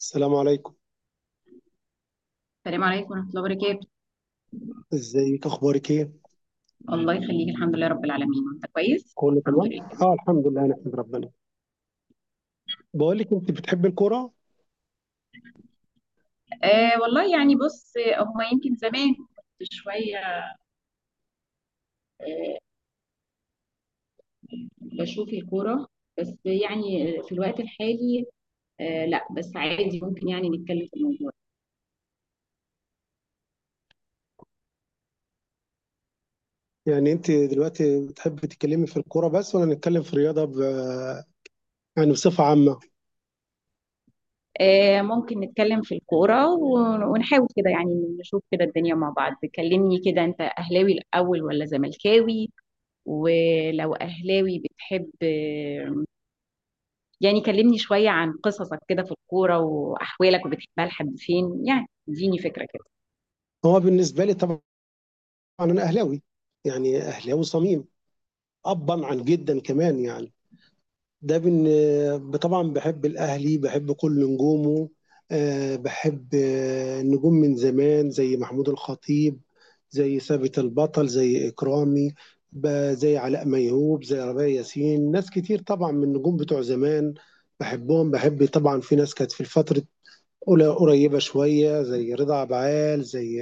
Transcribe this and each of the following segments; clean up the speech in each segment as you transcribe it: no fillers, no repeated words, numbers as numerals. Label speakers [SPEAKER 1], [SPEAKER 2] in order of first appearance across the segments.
[SPEAKER 1] السلام عليكم.
[SPEAKER 2] السلام عليكم ورحمة الله وبركاته.
[SPEAKER 1] ازيك؟ اخبارك ايه؟
[SPEAKER 2] الله يخليك، الحمد لله رب العالمين. انت كويس؟
[SPEAKER 1] كله
[SPEAKER 2] الحمد
[SPEAKER 1] تمام.
[SPEAKER 2] لله.
[SPEAKER 1] اه، الحمد لله، نحمد ربنا. بقول لك، انت بتحبي الكوره؟
[SPEAKER 2] آه والله، يعني بص هما يمكن زمان كنت شوية. آه بشوف الكورة، بس يعني في الوقت الحالي. آه، لا بس عادي، ممكن يعني نتكلم في الموضوع.
[SPEAKER 1] يعني انت دلوقتي بتحبي تتكلمي في الكوره بس، ولا نتكلم في الرياضه يعني بصفه عامه؟
[SPEAKER 2] آه، ممكن نتكلم في الكورة ونحاول كده يعني نشوف كده الدنيا مع بعض. كلمني كده، انت اهلاوي الاول ولا زملكاوي؟ ولو اهلاوي بتحب، يعني كلمني شوية عن قصصك كده في الكورة وأحوالك، وبتحبها لحد فين؟ يعني اديني فكرة كده.
[SPEAKER 1] هو بالنسبه لي طبعا، انا اهلاوي، يعني اهلاوي صميم، ابا عن جدا كمان يعني. طبعا بحب الاهلي، بحب كل نجومه. بحب نجوم من زمان زي محمود الخطيب، زي ثابت البطل، زي اكرامي، زي علاء ميهوب، زي ربيع ياسين، ناس كتير طبعا من النجوم بتوع زمان، بحبهم. بحب طبعا في ناس كانت في الفترة قريبة شوية، زي رضا عبعال، زي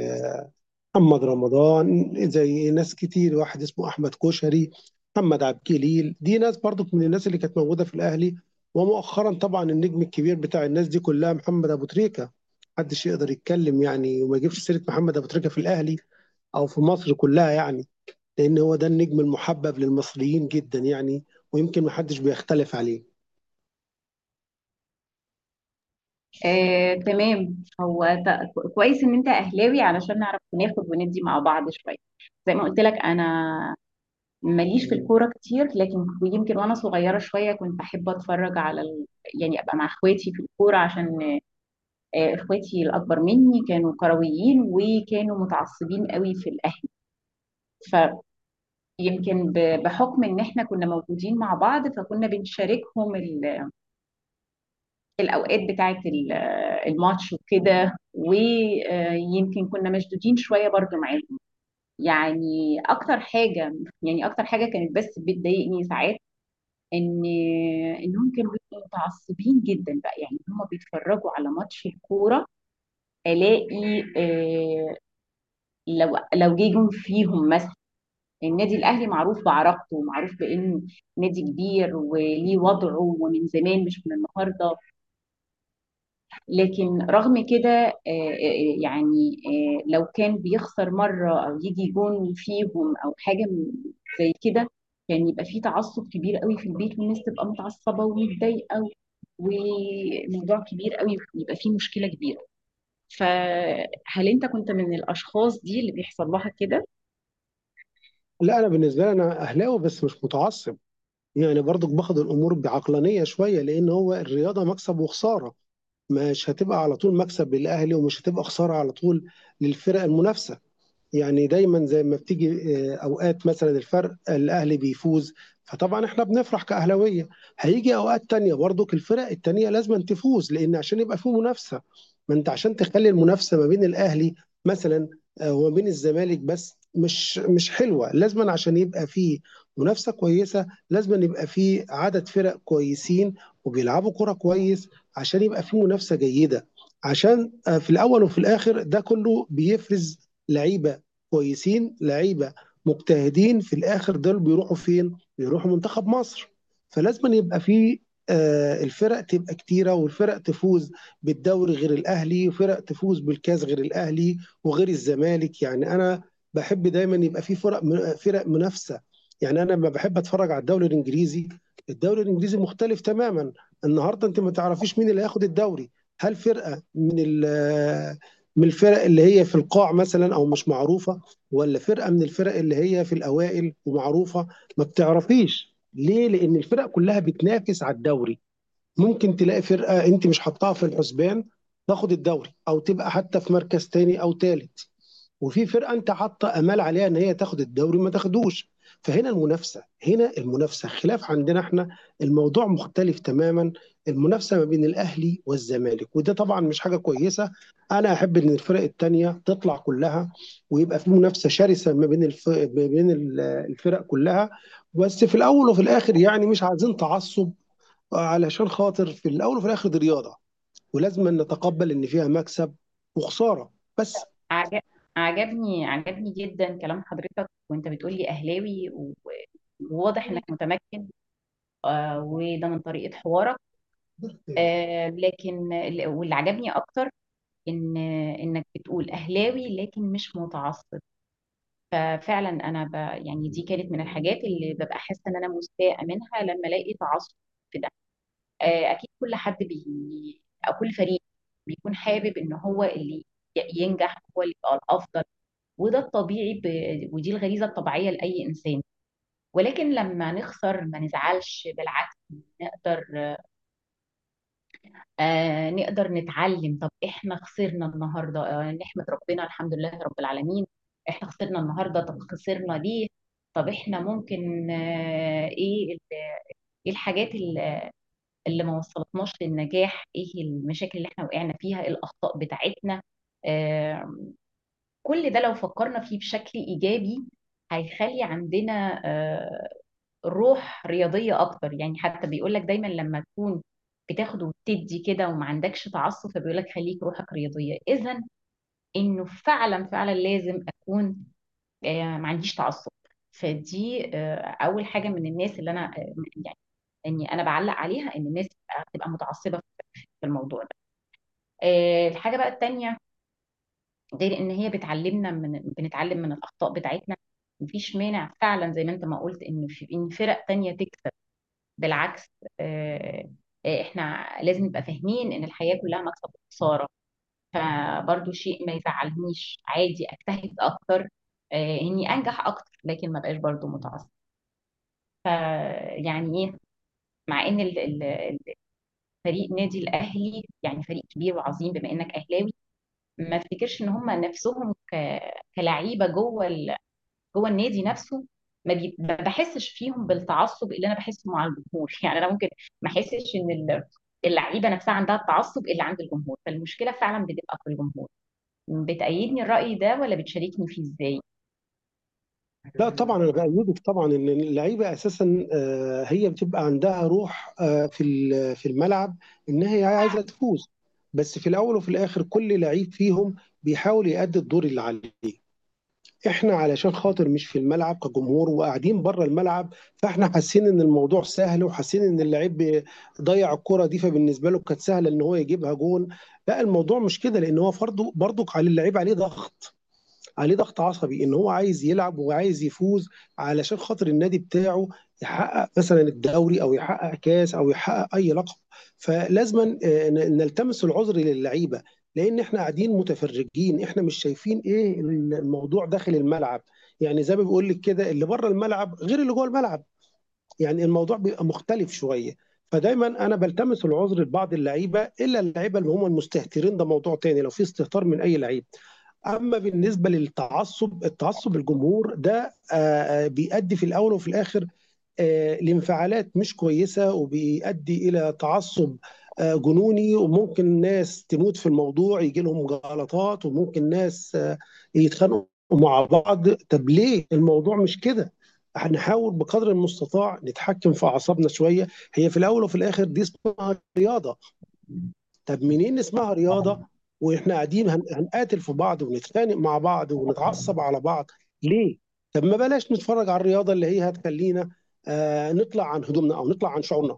[SPEAKER 1] محمد رمضان، زي ناس كتير، واحد اسمه احمد كوشري، محمد عبد الجليل، دي ناس برضو من الناس اللي كانت موجوده في الاهلي. ومؤخرا طبعا النجم الكبير بتاع الناس دي كلها محمد ابو تريكه. محدش يقدر يتكلم يعني وما يجيبش سيره محمد ابو تريكه في الاهلي او في مصر كلها يعني، لان هو ده النجم المحبب للمصريين جدا يعني، ويمكن محدش بيختلف عليه.
[SPEAKER 2] آه، تمام. هو كويس ان انت اهلاوي علشان نعرف ناخد وندي مع بعض شويه. زي ما قلت لك، انا ماليش في الكوره كتير، لكن يمكن وانا صغيره شويه كنت بحب اتفرج على يعني ابقى مع اخواتي في الكوره، عشان اخواتي الاكبر مني كانوا كرويين وكانوا متعصبين قوي في الاهلي. يمكن بحكم ان احنا كنا موجودين مع بعض، فكنا بنشاركهم الاوقات بتاعه الماتش وكده. ويمكن كنا مشدودين شويه برضو معاهم. يعني اكتر حاجه يعني اكتر حاجه كانت بس بتضايقني ساعات، ان انهم كانوا بيبقوا متعصبين جدا بقى، يعني هم بيتفرجوا على ماتش الكوره. الاقي لو جه جون فيهم مثلا. النادي الاهلي معروف بعراقته، ومعروف بانه نادي كبير وليه وضعه ومن زمان مش من النهارده. لكن رغم كده، لو كان بيخسر مره او يجي جون فيهم او حاجه زي كده، كان يعني يبقى فيه تعصب كبير قوي في البيت، والناس تبقى متعصبه ومتضايقه، وموضوع كبير قوي يبقى فيه مشكله كبيره. فهل انت كنت من الاشخاص دي اللي بيحصل لها كده؟
[SPEAKER 1] لا، انا بالنسبه لي انا اهلاوي بس مش متعصب، يعني برضو باخد الامور بعقلانيه شويه، لان هو الرياضه مكسب وخساره. مش هتبقى على طول مكسب للاهلي، ومش هتبقى خساره على طول للفرق المنافسه. يعني دايما زي ما بتيجي، اوقات مثلا الفرق الاهلي بيفوز، فطبعا احنا بنفرح كاهلاويه. هيجي اوقات تانية برضك الفرق التانية لازم تفوز، لان عشان يبقى فيه منافسه. ما انت عشان تخلي المنافسه ما بين الاهلي مثلا، وما بين الزمالك بس، مش حلوه لازما، عشان يبقى فيه منافسه كويسه، لازما يبقى فيه عدد فرق كويسين وبيلعبوا كره كويس، عشان يبقى فيه منافسه جيده، عشان في الاول وفي الاخر ده كله بيفرز لعيبه كويسين، لعيبه مجتهدين، في الاخر دول بيروحوا فين؟ بيروحوا منتخب مصر. فلازم يبقى في الفرق تبقى كتيرة، والفرق تفوز بالدوري غير الأهلي، وفرق تفوز بالكاس غير الأهلي وغير الزمالك. يعني أنا بحب دايما يبقى في فرق، فرق منافسة. يعني أنا لما بحب أتفرج على الدوري الإنجليزي، الدوري الإنجليزي مختلف تماما. النهاردة أنت ما تعرفيش مين اللي هياخد الدوري، هل فرقة من الفرق اللي هي في القاع مثلا أو مش معروفة، ولا فرقه من الفرق اللي هي في الاوائل ومعروفه. ما بتعرفيش ليه؟ لان الفرق كلها بتنافس على الدوري. ممكن تلاقي فرقه انت مش حاطاها في الحسبان تاخد الدوري، او تبقى حتى في مركز تاني او تالت، وفي فرقه انت حاطه امال عليها ان هي تاخد الدوري ما تاخدوش. فهنا المنافسه، هنا المنافسه خلاف عندنا احنا. الموضوع مختلف تماما. المنافسه ما بين الاهلي والزمالك، وده طبعا مش حاجه كويسه. انا احب ان الفرق التانيه تطلع كلها، ويبقى في منافسه شرسه ما بين ما بين الفرق كلها. بس في الاول وفي الاخر يعني مش عايزين تعصب، علشان خاطر في الاول وفي الاخر دي رياضه، ولازم نتقبل ان فيها مكسب وخساره بس.
[SPEAKER 2] عجب عجبني جدا كلام حضرتك، وانت بتقولي اهلاوي وواضح انك متمكن. وده من طريقة حوارك. لكن واللي عجبني اكتر ان انك بتقول اهلاوي لكن مش متعصب. ففعلا انا يعني دي كانت من الحاجات اللي ببقى حاسه ان انا مستاءه منها، لما الاقي تعصب في ده. اكيد كل حد او كل فريق بيكون حابب ان هو اللي ينجح، هو اللي يبقى الافضل. وده الطبيعي ودي الغريزة الطبيعية لأي إنسان. ولكن لما نخسر ما نزعلش، بالعكس، نقدر نقدر نتعلم. طب إحنا خسرنا النهاردة. نحمد ربنا، الحمد لله رب العالمين. إحنا خسرنا النهاردة، طب خسرنا ليه؟ طب إحنا ممكن إيه الحاجات اللي ما وصلتناش للنجاح؟ إيه المشاكل اللي إحنا وقعنا فيها؟ ايه الأخطاء بتاعتنا؟ آه كل ده لو فكرنا فيه بشكل إيجابي هيخلي عندنا روح رياضية أكتر. يعني حتى بيقولك دايما لما تكون بتاخد وتدي كده وما عندكش تعصب، فبيقولك خليك روحك رياضية. إذا إنه فعلا فعلا لازم أكون ما عنديش تعصب. فدي أول حاجة من الناس اللي أنا يعني إني أنا بعلق عليها، إن الناس تبقى متعصبة في الموضوع ده. الحاجة بقى التانية، غير ان هي بتعلمنا بنتعلم من الاخطاء بتاعتنا. مفيش مانع فعلا، زي ما انت ما قلت، ان فرق تانية تكسب. بالعكس. آه، احنا لازم نبقى فاهمين ان الحياة كلها مكسب وخسارة. فبرضو شيء ما يزعلنيش، عادي، اجتهد اكتر اني انجح اكتر، لكن ما بقاش برضو متعصب. ف- يعني ايه، مع ان فريق نادي الاهلي يعني فريق كبير وعظيم، بما انك اهلاوي، ما افتكرش ان هم نفسهم كلعيبه جوه النادي نفسه. ما بحسش فيهم بالتعصب اللي انا بحسه مع الجمهور يعني انا ممكن ما احسش ان اللعيبه نفسها عندها التعصب اللي عند الجمهور. فالمشكله فعلا بتبقى في الجمهور. بتأيدني الرأي ده ولا بتشاركني فيه، ازاي؟
[SPEAKER 1] لا طبعا انا بايدك طبعا، ان اللعيبه اساسا هي بتبقى عندها روح في في الملعب، ان هي عايزه تفوز. بس في الاول وفي الاخر كل لعيب فيهم بيحاول يأدي الدور اللي عليه. احنا علشان خاطر مش في الملعب، كجمهور وقاعدين بره الملعب، فاحنا حاسين ان الموضوع سهل، وحاسين ان اللعيب ضيع الكرة دي، فبالنسبه له كانت سهله ان هو يجيبها جون. لا الموضوع مش كده، لان هو برضه برضك على اللعيب عليه ضغط، عليه ضغط عصبي، ان هو عايز يلعب وعايز يفوز علشان خاطر النادي بتاعه، يحقق مثلا الدوري او يحقق كاس او يحقق اي لقب. فلازما نلتمس العذر للعيبه، لان احنا قاعدين متفرجين، احنا مش شايفين ايه الموضوع داخل الملعب. يعني زي ما بيقول لك كده، اللي بره الملعب غير اللي جوه الملعب، يعني الموضوع بيبقى مختلف شويه. فدايما انا بلتمس العذر لبعض اللعيبه، الا اللعيبه اللي هم المستهترين، ده موضوع تاني لو في استهتار من اي لعيب. اما بالنسبه للتعصب، التعصب الجمهور ده بيؤدي في الاول وفي الاخر لانفعالات مش كويسه، وبيؤدي الى تعصب جنوني، وممكن ناس تموت في الموضوع يجي لهم جلطات، وممكن ناس يتخانقوا مع بعض. طب ليه الموضوع مش كده؟ هنحاول بقدر المستطاع نتحكم في اعصابنا شويه. هي في الاول وفي الاخر دي اسمها رياضه. طب منين اسمها رياضه واحنا قاعدين هنقاتل في بعض، ونتخانق مع بعض، ونتعصب على بعض؟ ليه؟ طب ما بلاش نتفرج على الرياضه اللي هي هتخلينا آه نطلع عن هدومنا، او نطلع عن شعورنا.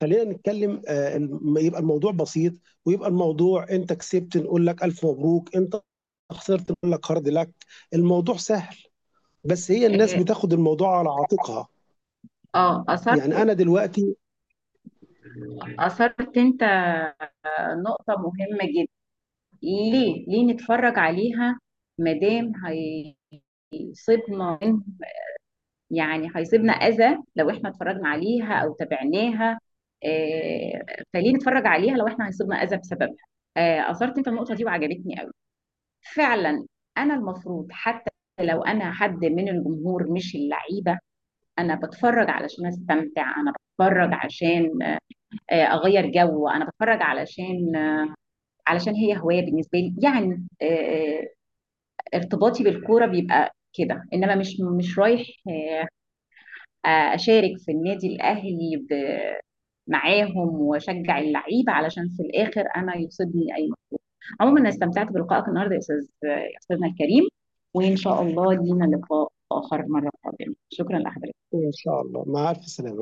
[SPEAKER 1] خلينا نتكلم آه يبقى الموضوع بسيط، ويبقى الموضوع انت كسبت نقول لك الف مبروك، انت خسرت نقول لك هارد لك. الموضوع سهل، بس هي الناس
[SPEAKER 2] إيه،
[SPEAKER 1] بتاخد الموضوع على عاتقها.
[SPEAKER 2] اه اثرت
[SPEAKER 1] يعني انا دلوقتي،
[SPEAKER 2] اثرت انت نقطه مهمه جدا. ليه ليه نتفرج عليها، مادام هيصيبنا هيصيبنا أذى لو إحنا اتفرجنا عليها أو تابعناها؟ آه، فليه نتفرج عليها لو إحنا هيصيبنا أذى بسببها؟ أثرت أنت النقطة دي وعجبتني قوي، فعلا. أنا المفروض حتى لو أنا حد من الجمهور مش اللعيبة، أنا بتفرج علشان أستمتع، أنا بتفرج عشان أغير جو، أنا بتفرج علشان علشان هي هواية بالنسبة لي. يعني ارتباطي بالكورة بيبقى كده، انما مش رايح اشارك في النادي الاهلي معاهم واشجع اللعيبه، علشان في الاخر انا يصيبني اي. عموما انا استمتعت بلقائك النهارده يا استاذ، يا استاذنا الكريم. وان شاء الله لينا لقاء اخر مره قادمه. شكرا لحضرتك.
[SPEAKER 1] ان شاء الله، مع الف سلامه.